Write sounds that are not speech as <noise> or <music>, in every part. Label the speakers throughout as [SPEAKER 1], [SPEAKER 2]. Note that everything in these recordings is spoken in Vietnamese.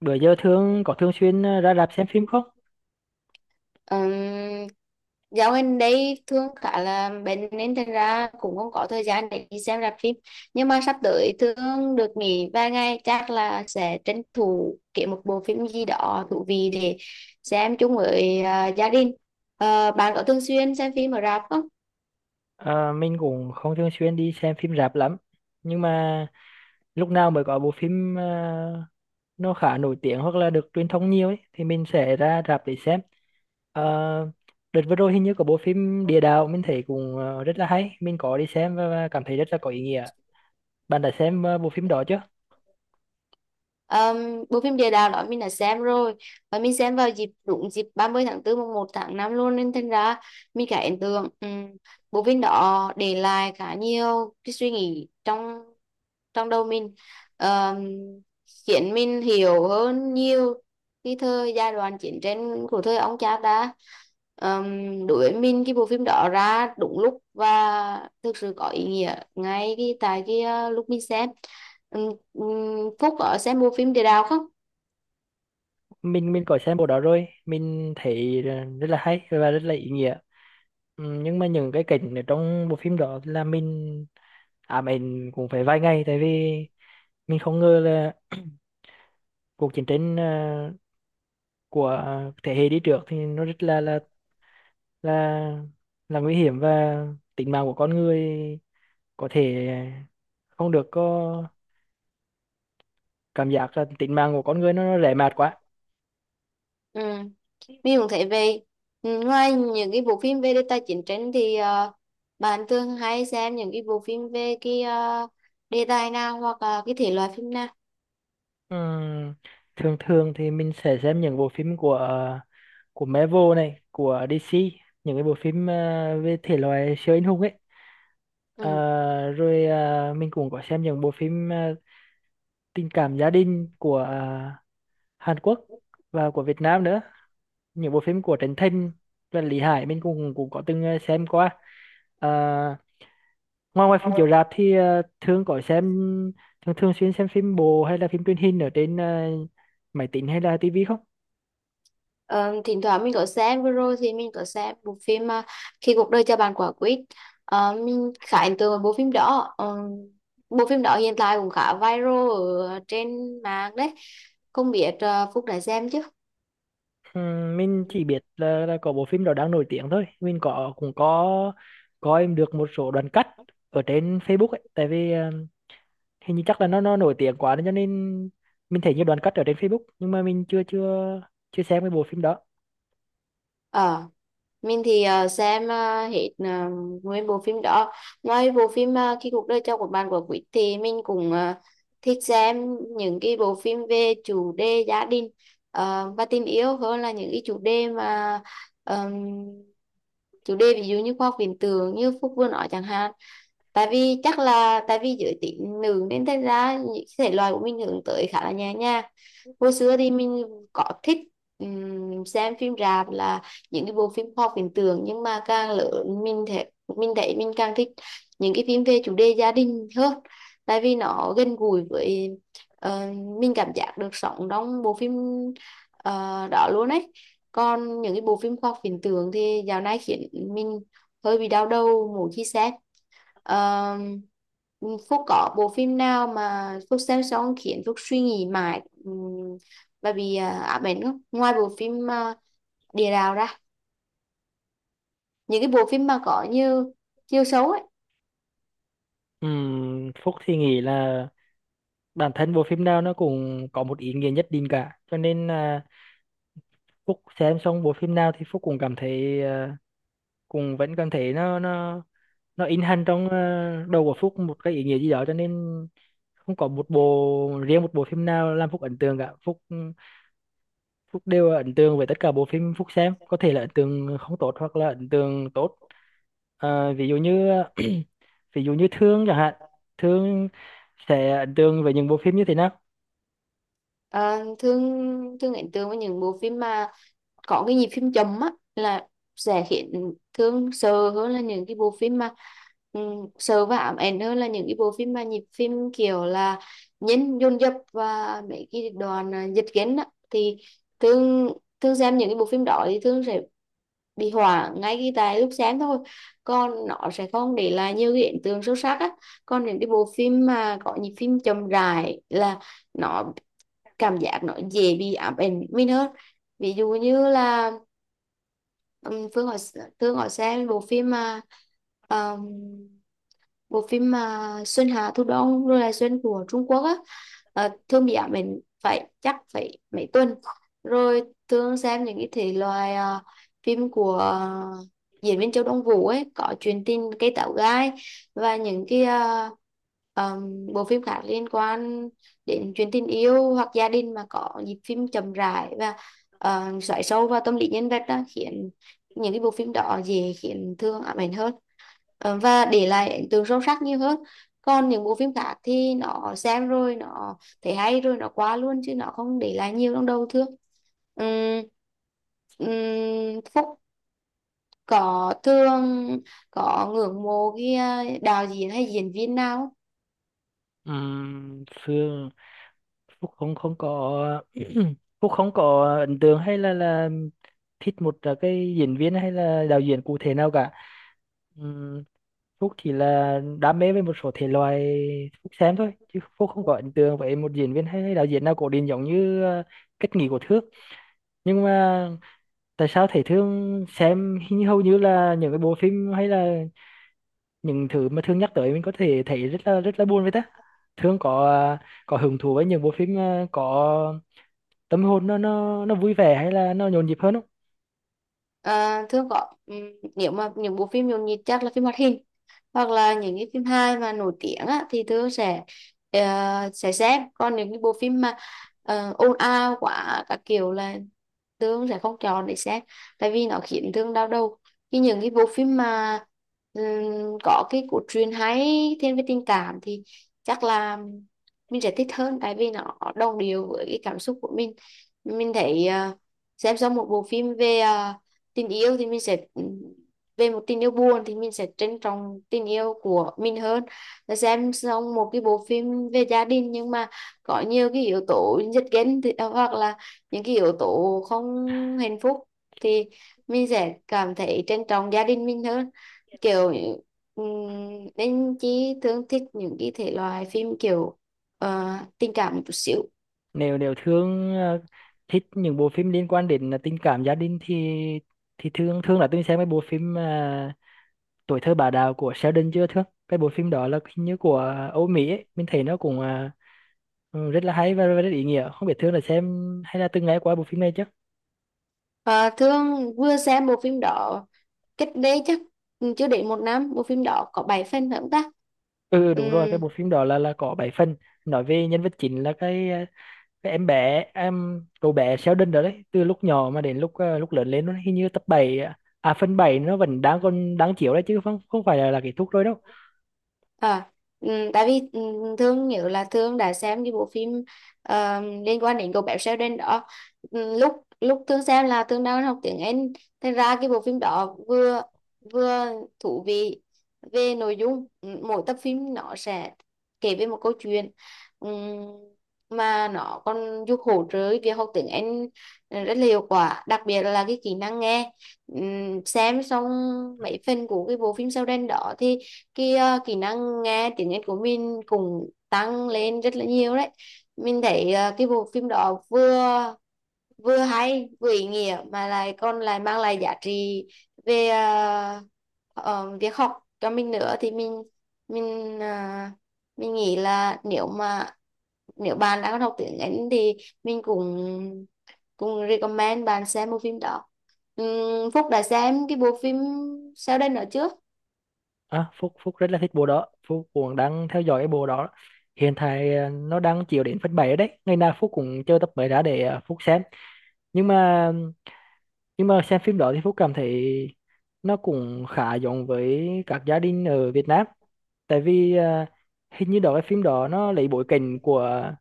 [SPEAKER 1] Bữa giờ thường có thường xuyên ra rạp xem phim không?
[SPEAKER 2] Ừm, dạo gần đây thương khá là bệnh nên thành ra cũng không có thời gian để đi xem rạp phim. Nhưng mà sắp tới thương được nghỉ vài ngày, chắc là sẽ tranh thủ kiếm một bộ phim gì đó thú vị để xem chung với gia đình. Bạn có thường xuyên xem phim ở rạp không?
[SPEAKER 1] Ờ, mình cũng không thường xuyên đi xem phim rạp lắm, nhưng mà lúc nào mới có bộ phim nó khá nổi tiếng hoặc là được truyền thông nhiều ấy thì mình sẽ ra rạp để xem. Ờ, đợt vừa rồi hình như có bộ phim Địa Đạo, mình thấy cũng rất là hay, mình có đi xem và cảm thấy rất là có ý nghĩa. Bạn đã xem bộ phim đó chưa?
[SPEAKER 2] Bộ phim địa đạo đó mình đã xem rồi, và mình xem vào dịp đúng dịp 30 tháng tư mùng 1 tháng 5 luôn, nên thành ra mình khá ấn tượng. Bộ phim đó để lại khá nhiều cái suy nghĩ trong trong đầu mình. Ờm, Khiến mình hiểu hơn nhiều cái thời giai đoạn chiến tranh của thời ông cha ta. Đối với mình, cái bộ phim đó ra đúng lúc và thực sự có ý nghĩa ngay cái tại cái lúc mình xem. Ừ, ừ, Phúc ở sẽ mua phim Địa Đạo không?
[SPEAKER 1] Mình có xem bộ đó rồi, mình thấy rất là hay và rất là ý nghĩa. Ừ, nhưng mà những cái cảnh ở trong bộ phim đó là mình mình cũng phải vài ngày, tại vì mình không ngờ là cuộc chiến tranh của thế hệ đi trước thì nó rất là là nguy hiểm, và tính mạng của con người có thể không được có, cảm giác là tính mạng của con người nó rẻ mạt quá.
[SPEAKER 2] Ừ. Mình cũng thấy về ngoài những cái bộ phim về đề tài chiến tranh thì bạn thường hay xem những cái bộ phim về cái đề tài nào hoặc là cái thể loại phim nào?
[SPEAKER 1] Ừm, thường thường thì mình sẽ xem những bộ phim của Marvel này, của DC, những cái bộ phim về thể loại siêu anh hùng ấy. Ờ,
[SPEAKER 2] Ừ.
[SPEAKER 1] rồi mình cũng có xem những bộ phim tình cảm gia đình của Hàn Quốc và của Việt Nam nữa, những bộ phim của Trấn Thành và Lý Hải mình cũng cũng có từng xem qua. à, Ngoài ngoài phim chiếu rạp thì thường có xem thường thường xuyên xem phim bộ hay là phim truyền hình ở trên máy tính hay là tivi không?
[SPEAKER 2] Ờ, Thỉnh thoảng mình có xem, vừa rồi thì mình có xem bộ phim Khi cuộc đời cho bạn quả quýt. Mình khá ấn tượng với bộ phim đó. Ờ, Bộ phim đó hiện tại cũng khá viral ở trên mạng đấy, không biết Phúc đã xem chứ.
[SPEAKER 1] Mình chỉ biết là có bộ phim đó đang nổi tiếng thôi, mình cũng có coi được một số đoạn cắt ở trên Facebook ấy, tại vì hình như chắc là nó nổi tiếng quá nên cho nên mình thấy nhiều đoạn cắt ở trên Facebook, nhưng mà mình chưa chưa chưa xem cái bộ phim đó.
[SPEAKER 2] Ờ, mình thì xem hết ờ, nguyên bộ phim đó. Ngoài bộ phim khi cuộc đời cho của bạn của Quýt thì mình cũng thích xem những cái bộ phim về chủ đề gia đình và tình yêu, hơn là những cái chủ đề mà ờm, chủ đề ví dụ như khoa học viễn tưởng như Phúc vừa nói chẳng hạn. Tại vì chắc là tại vì giới tính nữ nên thành ra những thể loại của mình hướng tới khá là nhẹ nhàng. Hồi xưa thì mình có thích xem phim rạp là những cái bộ phim khoa học viễn tưởng, nhưng mà càng lớn mình thấy mình càng thích những cái phim về chủ đề gia đình hơn, tại vì nó gần gũi với ờ, mình, cảm giác được sống trong bộ phim đó luôn ấy. Còn những cái bộ phim khoa học viễn tưởng thì dạo này khiến mình hơi bị đau đầu mỗi khi xem. Ờ, Phúc có bộ phim nào mà Phúc xem xong khiến Phúc suy nghĩ mãi và bị ám ảnh không? Ngoài bộ phim Địa Đạo ra, những cái bộ phim mà có nhiều chiều xấu ấy.
[SPEAKER 1] Phúc thì nghĩ là bản thân bộ phim nào nó cũng có một ý nghĩa nhất định cả, cho nên là Phúc xem xong bộ phim nào thì Phúc cũng cảm thấy, cũng vẫn cảm thấy nó in hằn trong đầu của Phúc một cái ý nghĩa gì đó, cho nên không có một bộ riêng một bộ phim nào làm Phúc ấn tượng cả. Phúc Phúc đều ấn tượng với tất cả bộ phim Phúc xem, có thể là ấn tượng không tốt hoặc là ấn tượng tốt. Ờ, ví dụ như Thương chẳng hạn, Thương sẽ ấn tượng với những bộ phim như thế nào?
[SPEAKER 2] Ờ, thương thương ấn tượng với những bộ phim mà có cái nhịp phim chậm á, là sẽ khiến thương sợ hơn là những cái bộ phim mà sợ và ám ảnh hơn là những cái bộ phim mà nhịp phim kiểu là nhấn dồn dập và mấy cái đoạn giật gân á. Thì thương thương xem những cái bộ phim đó thì thương sẽ bị hỏa ngay khi tại lúc sáng thôi, còn nó sẽ không để lại nhiều cái ấn tượng sâu sắc á. Còn những cái bộ phim mà có nhịp phim chậm rãi là nó cảm giác nó dễ bị ám ảnh mình hơn. Ví dụ như là Phương hỏi Phương hỏi xem um, bộ phim mà Xuân Hà, Thu Đông rồi là Xuân của Trung Quốc á, Thương bị ám ảnh phải chắc phải mấy tuần rồi. Thương xem những cái thể loại phim của diễn viên Châu Đông Vũ ấy, có Chuyện tình cây táo gai và những cái bộ phim khác liên quan đến chuyện tình yêu hoặc gia đình mà có nhịp phim chậm rãi và xoáy sâu vào tâm lý nhân vật đó, khiến những cái bộ phim đó dễ khiến Thương ám ảnh hơn. Và để lại ấn tượng sâu sắc nhiều hơn. Còn những bộ phim khác thì nó xem rồi nó thấy hay rồi nó qua luôn, chứ nó không để lại nhiều trong đầu thương. Ừm, Phúc có thương có ngưỡng mộ cái đạo diễn hay diễn viên nào không?
[SPEAKER 1] Ừm, Phương Phúc không không có. <clears throat> Phúc không có ấn tượng hay là thích một cái diễn viên hay là đạo diễn cụ thể nào cả. Phúc chỉ là đam mê với một số thể loại Phúc xem thôi, chứ Phúc không có ấn tượng với một diễn viên hay đạo diễn nào cổ điển, giống như Kết Nghị của Thước. Nhưng mà tại sao Thế Thương xem hình như hầu như là những cái bộ phim hay là những thứ mà Thương nhắc tới mình có thể thấy rất là buồn với ta? Thương có hứng thú với những bộ phim có tâm hồn nó vui vẻ hay là nó nhộn nhịp hơn không?
[SPEAKER 2] À, thường có. Nếu mà những bộ phim nhộn nhịp chắc là phim hoạt hình hoặc là những cái phim hài mà nổi tiếng á, thì thường sẽ ờ, sẽ xem. Còn những cái bộ phim mà ồn ào quá các kiểu là thương sẽ không chọn để xem, tại vì nó khiến thương đau đầu. Khi những cái bộ phim mà ừm, có cái cốt truyện hay thiên về tình cảm thì chắc là mình sẽ thích hơn, tại vì nó đồng điệu với cái cảm xúc của mình. Mình thấy xem xong một bộ phim về tình yêu thì mình sẽ về một tình yêu buồn thì mình sẽ trân trọng tình yêu của mình hơn, là xem xong một cái bộ phim về gia đình nhưng mà có nhiều cái yếu tố giật gân thì, hoặc là những cái yếu tố không hạnh phúc thì mình sẽ cảm thấy trân trọng gia đình mình hơn, kiểu ừm, nên chỉ thường thích những cái thể loại phim kiểu ờ, tình cảm một chút xíu.
[SPEAKER 1] Nếu nếu thương thích những bộ phim liên quan đến tình cảm gia đình thì thương thương là tôi xem cái bộ phim tuổi thơ bà đào của Sheldon chưa, thương? Cái bộ phim đó là hình như của Âu Mỹ ấy. Mình thấy nó cũng rất là hay và rất ý nghĩa, không biết thương là xem hay là từng nghe qua bộ phim này chứ?
[SPEAKER 2] Ờ, thưa vừa xem bộ phim đó cách đây chắc chưa đến một năm, bộ phim đó có 7 phần phải không ta?
[SPEAKER 1] Ừ,
[SPEAKER 2] Ừ,
[SPEAKER 1] đúng rồi, cái bộ phim đó là có 7 phần, nói về nhân vật chính là cái em bé em cậu bé Sheldon đó đấy, từ lúc nhỏ mà đến lúc lớn lên, nó hình như tập 7, à phần 7, nó vẫn đang còn đang chiếu đấy, chứ không không phải là kết thúc rồi đâu.
[SPEAKER 2] À, tại vì Thương nhớ là Thương đã xem cái bộ phim liên quan đến cậu bé Sheldon đó. Ừ, lúc lúc Thương xem là Thương đang học tiếng Anh, thành ra cái bộ phim đó vừa vừa thú vị về nội dung. Ừ, mỗi tập phim nó sẽ kể về một câu chuyện. Ừm, mà nó còn giúp hỗ trợ việc học tiếng Anh rất là hiệu quả, đặc biệt là cái kỹ năng nghe. Xem xong mấy phần của cái bộ phim Sheldon đó thì cái kỹ năng nghe tiếng Anh của mình cũng tăng lên rất là nhiều đấy. Mình thấy cái bộ phim đó vừa vừa hay vừa ý nghĩa mà lại còn mang lại giá trị về việc học cho mình nữa, thì mình ờ, mình nghĩ là nếu mà nếu bạn đang học tiếng Anh thì mình cũng cũng recommend bạn xem bộ phim đó. Phúc đã xem cái bộ phim sau đây nữa chưa?
[SPEAKER 1] Phúc Phúc rất là thích bộ đó, Phúc cũng đang theo dõi cái bộ đó, hiện tại nó đang chiếu đến phần 7 rồi đấy, ngày nào Phúc cũng chờ tập mới ra để Phúc xem. Nhưng mà xem phim đó thì Phúc cảm thấy nó cũng khá giống với các gia đình ở Việt Nam, tại vì hình như đó cái phim đó nó lấy bối cảnh của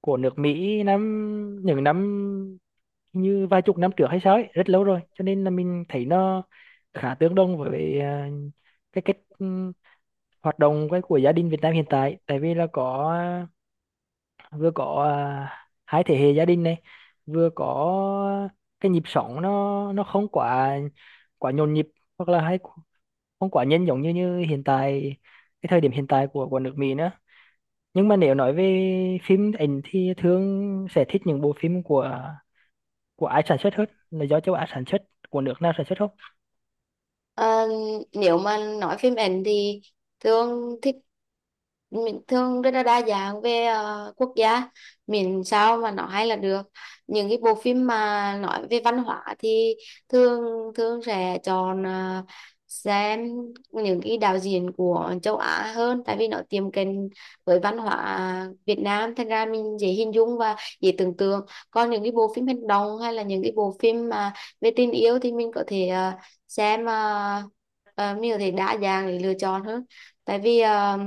[SPEAKER 1] của nước Mỹ những năm như vài chục năm trước hay sao ấy, rất lâu rồi, cho nên là mình thấy nó khá tương đồng với cái cách hoạt động cái của gia đình Việt Nam hiện tại, tại vì là có, vừa có 2 thế hệ gia đình này, vừa có cái nhịp sống nó không quá quá nhộn nhịp hoặc là hay không quá nhanh giống như như hiện tại, cái thời điểm hiện tại của nước Mỹ nữa. Nhưng mà nếu nói về phim ảnh thì thường sẽ thích những bộ phim của ai sản xuất hết, là do châu Á sản xuất, của nước nào sản xuất không?
[SPEAKER 2] Ờ, Nếu mà nói phim ảnh thì thường thích, mình thường rất là đa dạng về quốc gia, miễn sao mà nó hay là được. Những cái bộ phim mà nói về văn hóa thì thường thường sẽ chọn xem những cái đạo diễn của châu Á hơn, tại vì nó tiệm cận với văn hóa Việt Nam, thành ra mình dễ hình dung và dễ tưởng tượng. Còn những cái bộ phim hành động hay là những cái bộ phim mà về tình yêu thì mình có thể xem ờ, mình có thể đa dạng để lựa chọn hơn. Tại vì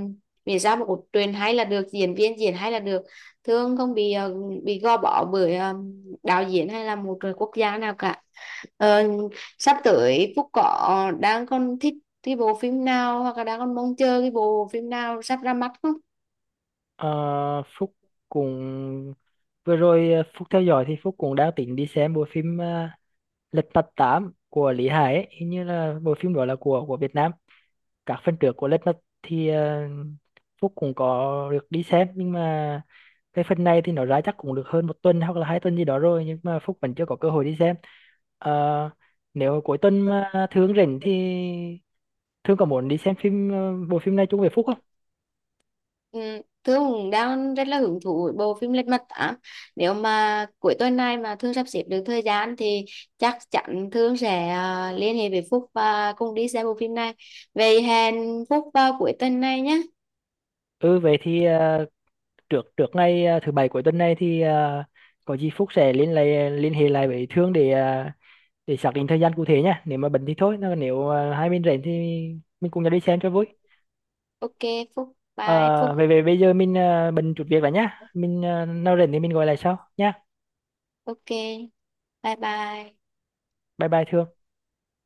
[SPEAKER 2] vì sao một cốt truyện hay là được, diễn viên diễn hay là được, thường không bị bị gò bó bởi đạo diễn hay là một quốc gia nào cả. Ờ, Sắp tới Phúc có đang còn thích cái bộ phim nào hoặc là đang còn mong chờ cái bộ phim nào sắp ra mắt không?
[SPEAKER 1] Ờ, Phúc cũng, vừa rồi Phúc theo dõi thì Phúc cũng đang tính đi xem bộ phim Lật Mặt 8 của Lý Hải ấy. Hình như là bộ phim đó là của Việt Nam, các phần trước của Let's Not thì Phúc cũng có được đi xem, nhưng mà cái phần này thì nó ra chắc cũng được hơn một tuần hoặc là 2 tuần gì đó rồi, nhưng mà Phúc vẫn chưa có cơ hội đi xem. Ờ, nếu cuối tuần mà Thương rảnh thì Thương có muốn đi xem phim, bộ phim này chung với Phúc không?
[SPEAKER 2] Ừ, Thương cũng đang rất là hứng thú với bộ phim Lật Mặt 8. Nếu mà cuối tuần này mà Thương sắp xếp được thời gian thì chắc chắn Thương sẽ liên hệ với Phúc và cùng đi xem bộ phim này. Vậy hẹn Phúc vào cuối tuần này nhé.
[SPEAKER 1] Ừ, vậy thì trước trước ngày thứ bảy cuối tuần này thì có gì Phúc sẽ liên hệ lại với Thương để xác định thời gian cụ thể nhá, nếu mà bận thì thôi, nếu hai bên rảnh thì mình cùng nhau đi xem cho vui.
[SPEAKER 2] Ok, Phúc, bye
[SPEAKER 1] Ờ,
[SPEAKER 2] Phúc.
[SPEAKER 1] vậy bây giờ mình bận chút việc rồi nhá. Mình nào rảnh thì mình gọi lại sau nhá.
[SPEAKER 2] Ok, bye bye.
[SPEAKER 1] Bye bye Thương.